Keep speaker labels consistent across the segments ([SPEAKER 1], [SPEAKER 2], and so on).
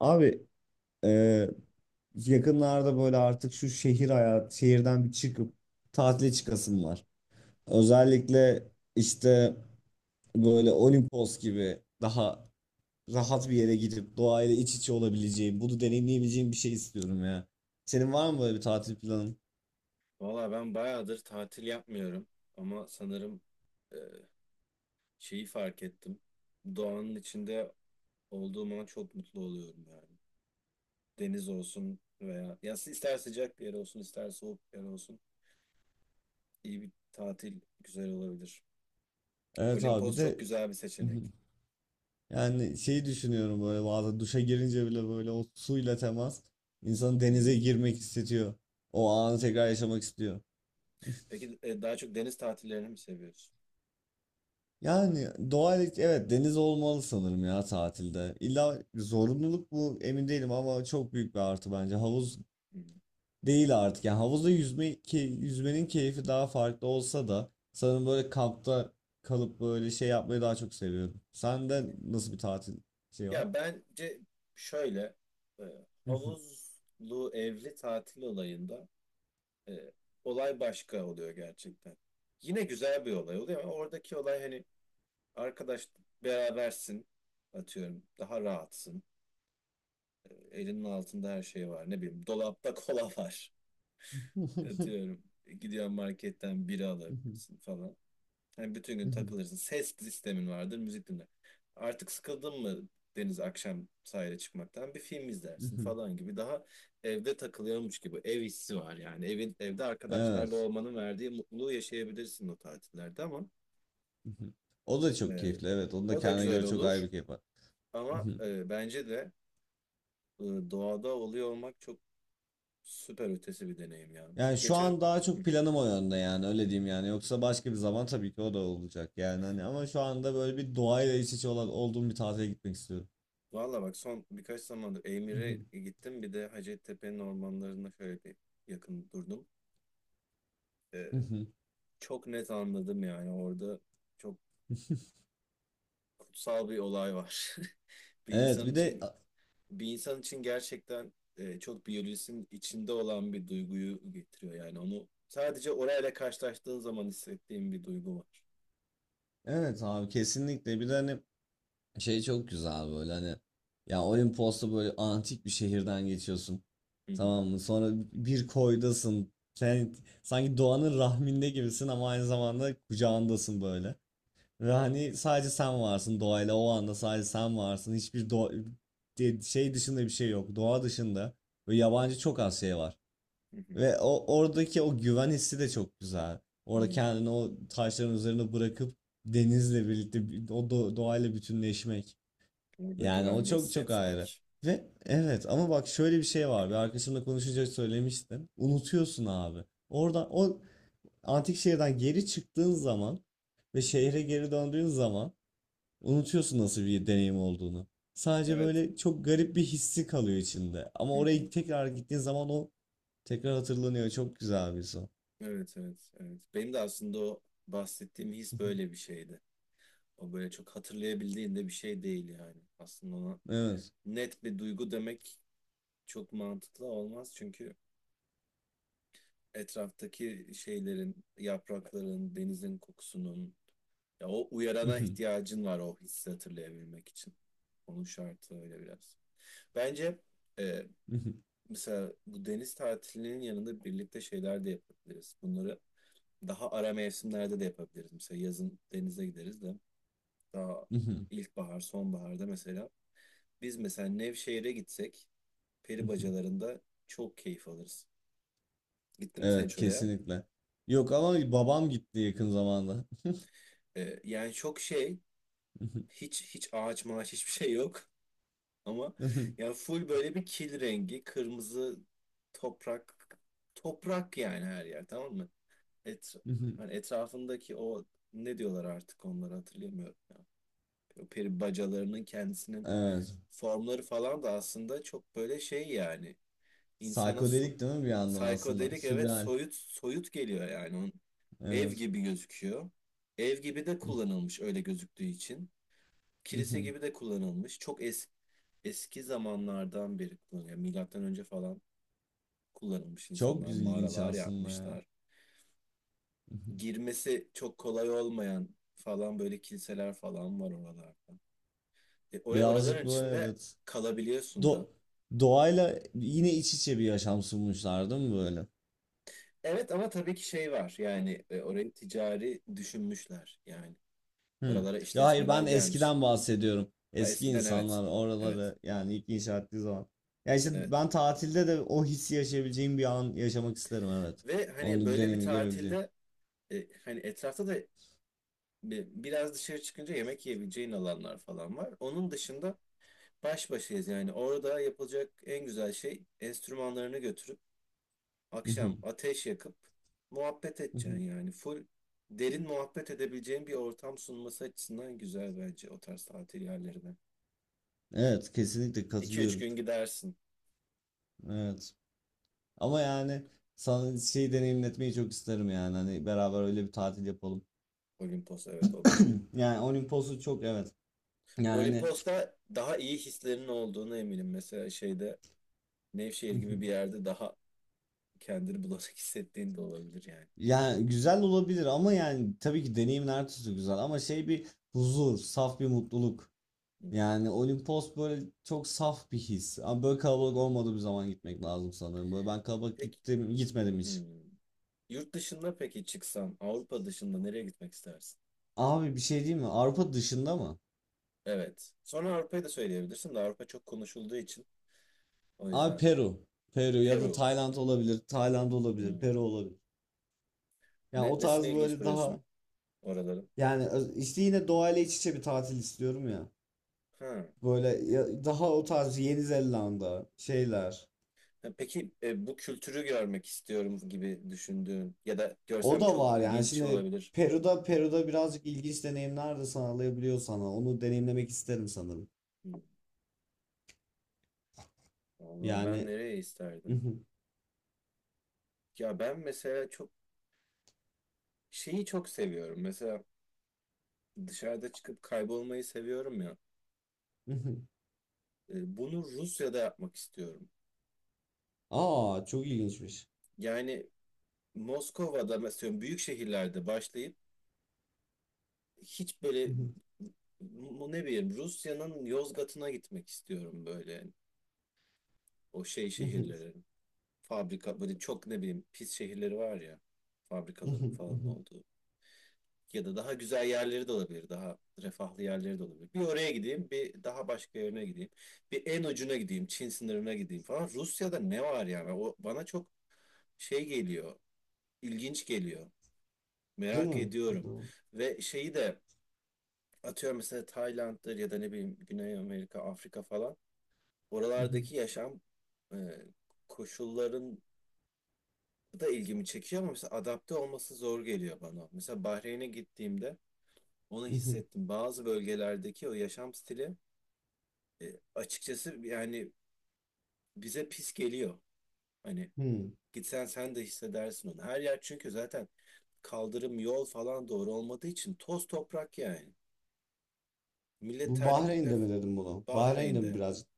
[SPEAKER 1] Abi, e, yakınlarda böyle artık şu şehirden bir çıkıp tatile çıkasım var. Özellikle işte böyle Olimpos gibi daha rahat bir yere gidip doğayla iç içe olabileceğim, bunu deneyimleyebileceğim bir şey istiyorum ya. Senin var mı böyle bir tatil planın?
[SPEAKER 2] Valla ben bayağıdır tatil yapmıyorum ama sanırım e, şeyi fark ettim. Doğanın içinde olduğum an çok mutlu oluyorum yani. Deniz olsun veya ya ister sıcak bir yer olsun ister soğuk bir yer olsun iyi bir tatil güzel olabilir.
[SPEAKER 1] Evet abi, bir
[SPEAKER 2] Olimpos çok
[SPEAKER 1] de
[SPEAKER 2] güzel bir seçenek.
[SPEAKER 1] yani şeyi düşünüyorum, böyle bazen duşa girince bile böyle o suyla temas insanı
[SPEAKER 2] Hı hı.
[SPEAKER 1] denize girmek hissediyor. O anı tekrar yaşamak istiyor.
[SPEAKER 2] Peki daha çok deniz tatillerini mi seviyorsun?
[SPEAKER 1] Yani evet, deniz olmalı sanırım ya tatilde. İlla zorunluluk mu emin değilim ama çok büyük bir artı bence. Havuz
[SPEAKER 2] Hı.
[SPEAKER 1] değil artık. Yani havuzda yüzme, ki yüzmenin keyfi daha farklı olsa da, sanırım böyle kampta kalıp böyle şey yapmayı daha çok seviyorum. Sende nasıl bir tatil şey var?
[SPEAKER 2] Ya bence şöyle, e, havuzlu evli tatil olayında E, olay başka oluyor gerçekten. Yine güzel bir olay oluyor ama oradaki olay hani arkadaş berabersin, atıyorum daha rahatsın. Elinin altında her şey var, ne bileyim, dolapta kola var, atıyorum. Gidiyorsun, marketten bira alabilirsin falan. Yani bütün gün takılırsın. Ses sistemin vardır, müzik dinler. Artık sıkıldın mı deniz akşam sahile çıkmaktan? Bir film izlersin falan gibi. Daha evde takılıyormuş gibi. Ev hissi var yani. Evin, evde arkadaşlarla
[SPEAKER 1] Evet.
[SPEAKER 2] olmanın verdiği mutluluğu yaşayabilirsin o tatillerde ama
[SPEAKER 1] O da çok
[SPEAKER 2] e,
[SPEAKER 1] keyifli. Evet. Onun da
[SPEAKER 2] o da
[SPEAKER 1] kendine
[SPEAKER 2] güzel
[SPEAKER 1] göre çok ayrı
[SPEAKER 2] olur.
[SPEAKER 1] bir keyfi var.
[SPEAKER 2] Ama bence de e, doğada oluyor olmak çok süper ötesi bir deneyim yani.
[SPEAKER 1] Yani şu
[SPEAKER 2] Geçen,
[SPEAKER 1] an daha çok planım o yönde yani, öyle diyeyim yani. Yoksa başka bir zaman tabii ki o da olacak yani hani, ama şu anda böyle bir doğayla iç içe olduğum bir tatile gitmek istiyorum.
[SPEAKER 2] valla bak, son birkaç zamandır Eymir'e gittim. Bir de Hacettepe'nin ormanlarında şöyle bir yakın durdum. Ee, çok net anladım yani orada çok kutsal bir olay var. Bir
[SPEAKER 1] Evet
[SPEAKER 2] insan
[SPEAKER 1] bir de
[SPEAKER 2] için bir insan için gerçekten çok biyolojisinin içinde olan bir duyguyu getiriyor yani onu sadece orayla karşılaştığın zaman hissettiğin bir duygu var.
[SPEAKER 1] evet abi, kesinlikle. Bir de hani şey çok güzel böyle, hani ya Olimpos'ta böyle antik bir şehirden geçiyorsun,
[SPEAKER 2] Hı hı,
[SPEAKER 1] tamam mı? Sonra bir koydasın sen, sanki doğanın rahminde gibisin ama aynı zamanda kucağındasın böyle. Ve hani sadece sen varsın doğayla, o anda sadece sen varsın. Hiçbir şey dışında bir şey yok. Doğa dışında ve yabancı çok az şey var.
[SPEAKER 2] hı hı,
[SPEAKER 1] Ve o oradaki o güven hissi de çok güzel. Orada
[SPEAKER 2] hı.
[SPEAKER 1] kendini o taşların üzerine bırakıp denizle birlikte doğayla bütünleşmek.
[SPEAKER 2] Orada
[SPEAKER 1] Yani o
[SPEAKER 2] güvenli
[SPEAKER 1] çok çok ayrı.
[SPEAKER 2] hissetmek.
[SPEAKER 1] Ve evet, ama bak şöyle bir şey var. Bir arkadaşımla konuşunca söylemiştim. Unutuyorsun abi. Oradan o antik şehirden geri çıktığın zaman ve şehre geri döndüğün zaman unutuyorsun nasıl bir deneyim olduğunu. Sadece
[SPEAKER 2] Evet.
[SPEAKER 1] böyle çok garip bir hissi kalıyor içinde. Ama
[SPEAKER 2] Hı hı.
[SPEAKER 1] oraya tekrar gittiğin zaman o tekrar hatırlanıyor. Çok güzel bir son.
[SPEAKER 2] Evet, evet, evet. Benim de aslında o bahsettiğim his böyle bir şeydi. O böyle çok hatırlayabildiğinde bir şey değil yani. Aslında ona
[SPEAKER 1] Evet.
[SPEAKER 2] net bir duygu demek çok mantıklı olmaz. Çünkü etraftaki şeylerin, yaprakların, denizin kokusunun, ya o uyarana ihtiyacın var o hissi hatırlayabilmek için. Onun şartı öyle biraz. Bence e, mesela bu deniz tatilinin yanında birlikte şeyler de yapabiliriz. Bunları daha ara mevsimlerde de yapabiliriz. Mesela yazın denize gideriz de daha ilkbahar, sonbaharda mesela. Biz mesela Nevşehir'e gitsek peri bacalarında çok keyif alırız. Gittin mi sen
[SPEAKER 1] Evet,
[SPEAKER 2] hiç oraya?
[SPEAKER 1] kesinlikle. Yok, ama babam gitti yakın zamanda.
[SPEAKER 2] Yani çok şey, hiç hiç ağaç mağaç hiçbir şey yok. Ama yani full böyle bir kil rengi, kırmızı toprak, toprak yani her yer, tamam mı? Et, hani etrafındaki o, ne diyorlar, artık onları hatırlayamıyorum ya. O peri bacalarının kendisinin
[SPEAKER 1] Evet.
[SPEAKER 2] formları falan da aslında çok böyle şey yani, insana
[SPEAKER 1] Psikodelik değil mi bir yandan aslında?
[SPEAKER 2] psikodelik, evet,
[SPEAKER 1] Sürreal.
[SPEAKER 2] soyut soyut geliyor yani. Onun ev
[SPEAKER 1] Evet.
[SPEAKER 2] gibi gözüküyor. Ev gibi de kullanılmış, öyle gözüktüğü için. Kilise gibi de kullanılmış. Çok es Eski zamanlardan beri kullanılıyor. Yani Milattan önce falan kullanılmış,
[SPEAKER 1] Çok
[SPEAKER 2] insanlar
[SPEAKER 1] ilginç
[SPEAKER 2] mağaralar
[SPEAKER 1] aslında ya.
[SPEAKER 2] yapmışlar. Girmesi çok kolay olmayan falan böyle kiliseler falan var oralarda. E, or
[SPEAKER 1] Birazcık
[SPEAKER 2] Oraların
[SPEAKER 1] böyle,
[SPEAKER 2] içinde
[SPEAKER 1] evet.
[SPEAKER 2] kalabiliyorsun da.
[SPEAKER 1] Do doğayla yine iç içe bir yaşam sunmuşlar değil mi böyle?
[SPEAKER 2] Evet ama tabii ki şey var yani, orayı ticari düşünmüşler yani,
[SPEAKER 1] Hı.
[SPEAKER 2] oralara
[SPEAKER 1] Ya hayır,
[SPEAKER 2] işletmeler
[SPEAKER 1] ben
[SPEAKER 2] gelmiş.
[SPEAKER 1] eskiden bahsediyorum.
[SPEAKER 2] Ha
[SPEAKER 1] Eski
[SPEAKER 2] eskiden, evet,
[SPEAKER 1] insanlar
[SPEAKER 2] evet,
[SPEAKER 1] oraları yani ilk inşa ettiği zaman. Ya işte
[SPEAKER 2] evet,
[SPEAKER 1] ben tatilde de o hissi yaşayabileceğim bir an yaşamak isterim, evet.
[SPEAKER 2] ve hani
[SPEAKER 1] Onu
[SPEAKER 2] böyle bir
[SPEAKER 1] deneyimi görebileceğim.
[SPEAKER 2] tatilde hani etrafta da biraz dışarı çıkınca yemek yiyebileceğin alanlar falan var. Onun dışında baş başayız yani, orada yapılacak en güzel şey enstrümanlarını götürüp akşam ateş yakıp muhabbet edeceksin yani full derin muhabbet edebileceğin bir ortam sunması açısından güzel bence o tarz tatil yerleri de.
[SPEAKER 1] Evet, kesinlikle
[SPEAKER 2] 2 üç
[SPEAKER 1] katılıyorum.
[SPEAKER 2] gün gidersin.
[SPEAKER 1] Evet. Ama yani sana şey deneyimletmeyi çok isterim yani, hani beraber öyle bir tatil yapalım.
[SPEAKER 2] Olimpos, evet, o da çok.
[SPEAKER 1] Yani Olimpos'u çok, evet. Yani
[SPEAKER 2] Olimpos'ta daha iyi hislerin olduğunu eminim. Mesela şeyde, Nevşehir gibi bir yerde daha kendini bulanık hissettiğin de olabilir yani.
[SPEAKER 1] Yani güzel olabilir ama, yani tabii ki deneyimin her türlüsü güzel ama şey, bir huzur, saf bir mutluluk.
[SPEAKER 2] Hı hı.
[SPEAKER 1] Yani Olimpos böyle çok saf bir his. Ama böyle kalabalık olmadığı bir zaman gitmek lazım sanırım. Böyle ben kalabalık
[SPEAKER 2] Peki,
[SPEAKER 1] gittim, gitmedim hiç.
[SPEAKER 2] hmm. Yurt dışında peki çıksan Avrupa dışında nereye gitmek istersin?
[SPEAKER 1] Abi bir şey diyeyim mi? Avrupa dışında mı?
[SPEAKER 2] Evet. Sonra Avrupa'yı da söyleyebilirsin de Avrupa çok konuşulduğu için, o
[SPEAKER 1] Abi,
[SPEAKER 2] yüzden.
[SPEAKER 1] Peru. Peru ya da
[SPEAKER 2] Peru.
[SPEAKER 1] Tayland olabilir. Tayland olabilir. Peru
[SPEAKER 2] Hmm.
[SPEAKER 1] olabilir. Yani
[SPEAKER 2] Ne,
[SPEAKER 1] o
[SPEAKER 2] nesine
[SPEAKER 1] tarz
[SPEAKER 2] ilginç
[SPEAKER 1] böyle
[SPEAKER 2] buluyorsun
[SPEAKER 1] daha,
[SPEAKER 2] oraların?
[SPEAKER 1] yani işte yine doğayla iç içe bir tatil istiyorum ya.
[SPEAKER 2] Ha.
[SPEAKER 1] Böyle daha o tarz, Yeni Zelanda şeyler.
[SPEAKER 2] Peki bu kültürü görmek istiyorum gibi düşündüğün ya da
[SPEAKER 1] O
[SPEAKER 2] görsem
[SPEAKER 1] da
[SPEAKER 2] çok
[SPEAKER 1] var yani,
[SPEAKER 2] ilginç
[SPEAKER 1] şimdi
[SPEAKER 2] olabilir.
[SPEAKER 1] Peru'da birazcık ilginç deneyimler de sağlayabiliyor sana. Onu deneyimlemek isterim sanırım.
[SPEAKER 2] Hı, vallahi ben
[SPEAKER 1] Yani
[SPEAKER 2] nereye isterdim? Ya ben mesela çok şeyi çok seviyorum. Mesela dışarıda çıkıp kaybolmayı seviyorum ya. Bunu Rusya'da yapmak istiyorum.
[SPEAKER 1] Aa, çok ilginçmiş.
[SPEAKER 2] Yani Moskova'da mesela büyük şehirlerde başlayıp hiç böyle bu, ne bileyim, Rusya'nın Yozgat'ına gitmek istiyorum böyle o şey
[SPEAKER 1] Değil
[SPEAKER 2] şehirlere. Fabrika böyle çok, ne bileyim, pis şehirleri var ya, fabrikaların falan olduğu, ya da daha güzel yerleri de olabilir, daha refahlı yerleri de olabilir. Bir oraya gideyim, bir daha başka yerine gideyim, bir en ucuna gideyim, Çin sınırına gideyim falan. Rusya'da ne var yani, o bana çok şey geliyor, ilginç geliyor, merak
[SPEAKER 1] mi?
[SPEAKER 2] ediyorum ve şeyi de, atıyorum mesela Tayland'dır ya da ne bileyim Güney Amerika, Afrika falan, oralardaki yaşam e, koşulların da ilgimi çekiyor ama mesela adapte olması zor geliyor bana. Mesela Bahreyn'e gittiğimde onu hissettim. Bazı bölgelerdeki o yaşam stili e, açıkçası yani bize pis geliyor. Hani gitsen sen de hissedersin onu. Her yer çünkü zaten kaldırım, yol falan doğru olmadığı için toz toprak yani. Millet
[SPEAKER 1] Bu
[SPEAKER 2] terlikle.
[SPEAKER 1] Bahreyn'de mi dedim bunu? Bahreyn'de mi
[SPEAKER 2] Bahreyn'de.
[SPEAKER 1] birazcık?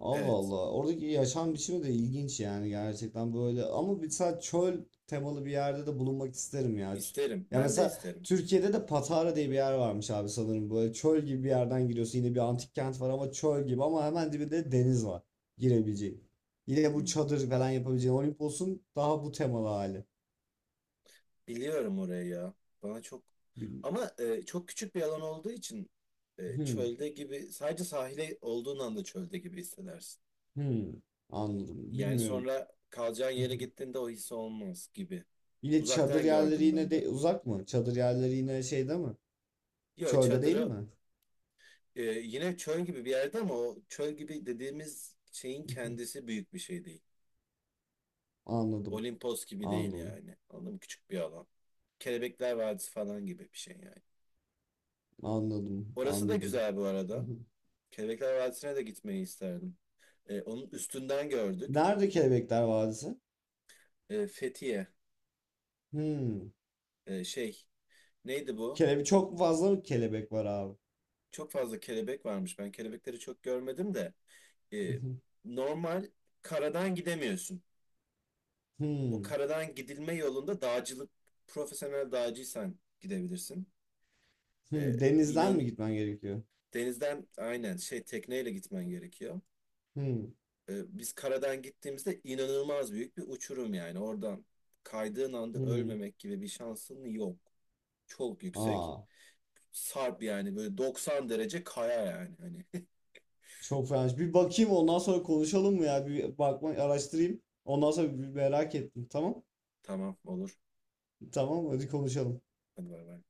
[SPEAKER 1] Allah
[SPEAKER 2] Evet.
[SPEAKER 1] Allah. Oradaki yaşam biçimi de ilginç yani, gerçekten böyle. Ama mesela çöl temalı bir yerde de bulunmak isterim ya.
[SPEAKER 2] isterim
[SPEAKER 1] Ya
[SPEAKER 2] ben de
[SPEAKER 1] mesela
[SPEAKER 2] isterim.
[SPEAKER 1] Türkiye'de de Patara diye bir yer varmış abi, sanırım. Böyle çöl gibi bir yerden giriyorsun. Yine bir antik kent var ama çöl gibi, ama hemen dibinde deniz var girebileceğin. Yine
[SPEAKER 2] Hı.
[SPEAKER 1] bu çadır falan yapabileceğin. Olimpos'un daha bu temalı hali.
[SPEAKER 2] Biliyorum orayı ya. Bana çok,
[SPEAKER 1] Bil-
[SPEAKER 2] ama çok küçük bir alan olduğu için
[SPEAKER 1] Hmm,
[SPEAKER 2] çölde gibi, sadece sahile olduğun anda çölde gibi hissedersin.
[SPEAKER 1] hmm. Anladım.
[SPEAKER 2] Yani
[SPEAKER 1] Bilmiyorum.
[SPEAKER 2] sonra kalacağın yere gittiğinde o his olmaz gibi.
[SPEAKER 1] Yine çadır
[SPEAKER 2] Uzaktan
[SPEAKER 1] yerleri
[SPEAKER 2] gördüm
[SPEAKER 1] yine
[SPEAKER 2] ben de.
[SPEAKER 1] de uzak mı? Çadır yerleri yine şeyde mi?
[SPEAKER 2] Ya
[SPEAKER 1] Çölde değil
[SPEAKER 2] çadırı
[SPEAKER 1] mi?
[SPEAKER 2] yine çöl gibi bir yerde ama o çöl gibi dediğimiz şeyin kendisi büyük bir şey değil.
[SPEAKER 1] Anladım.
[SPEAKER 2] Olimpos gibi değil
[SPEAKER 1] Anladım.
[SPEAKER 2] yani. Anladın mı? Küçük bir alan. Kelebekler Vadisi falan gibi bir şey yani.
[SPEAKER 1] Anladım.
[SPEAKER 2] Orası da
[SPEAKER 1] Anladım.
[SPEAKER 2] güzel bu
[SPEAKER 1] Hı
[SPEAKER 2] arada.
[SPEAKER 1] hı.
[SPEAKER 2] Kelebekler Vadisi'ne de gitmeyi isterdim. Onun üstünden gördük.
[SPEAKER 1] Nerede Kelebekler Vadisi?
[SPEAKER 2] Fethiye.
[SPEAKER 1] Hmm.
[SPEAKER 2] Şey, neydi bu?
[SPEAKER 1] Çok fazla mı kelebek var abi.
[SPEAKER 2] Çok fazla kelebek varmış. Ben kelebekleri çok görmedim de.
[SPEAKER 1] Hı
[SPEAKER 2] E,
[SPEAKER 1] hı.
[SPEAKER 2] normal karadan gidemiyorsun. O
[SPEAKER 1] Hmm.
[SPEAKER 2] karadan gidilme yolunda dağcılık, profesyonel dağcıysan gidebilirsin.
[SPEAKER 1] Hmm.
[SPEAKER 2] E, inan
[SPEAKER 1] Denizden mi gitmen gerekiyor?
[SPEAKER 2] denizden aynen, şey, tekneyle gitmen gerekiyor.
[SPEAKER 1] Hmm.
[SPEAKER 2] Biz karadan gittiğimizde inanılmaz büyük bir uçurum yani. Oradan kaydığın anda
[SPEAKER 1] Hmm.
[SPEAKER 2] ölmemek gibi bir şansın yok. Çok yüksek.
[SPEAKER 1] Aa,
[SPEAKER 2] Sarp yani, böyle 90 derece kaya yani. Hani
[SPEAKER 1] çok fena. Bir bakayım, ondan sonra konuşalım mı ya? Bir bakma, araştırayım. Ondan sonra, bir merak ettim. Tamam.
[SPEAKER 2] tamam, olur.
[SPEAKER 1] Tamam hadi konuşalım.
[SPEAKER 2] Hadi bay bay.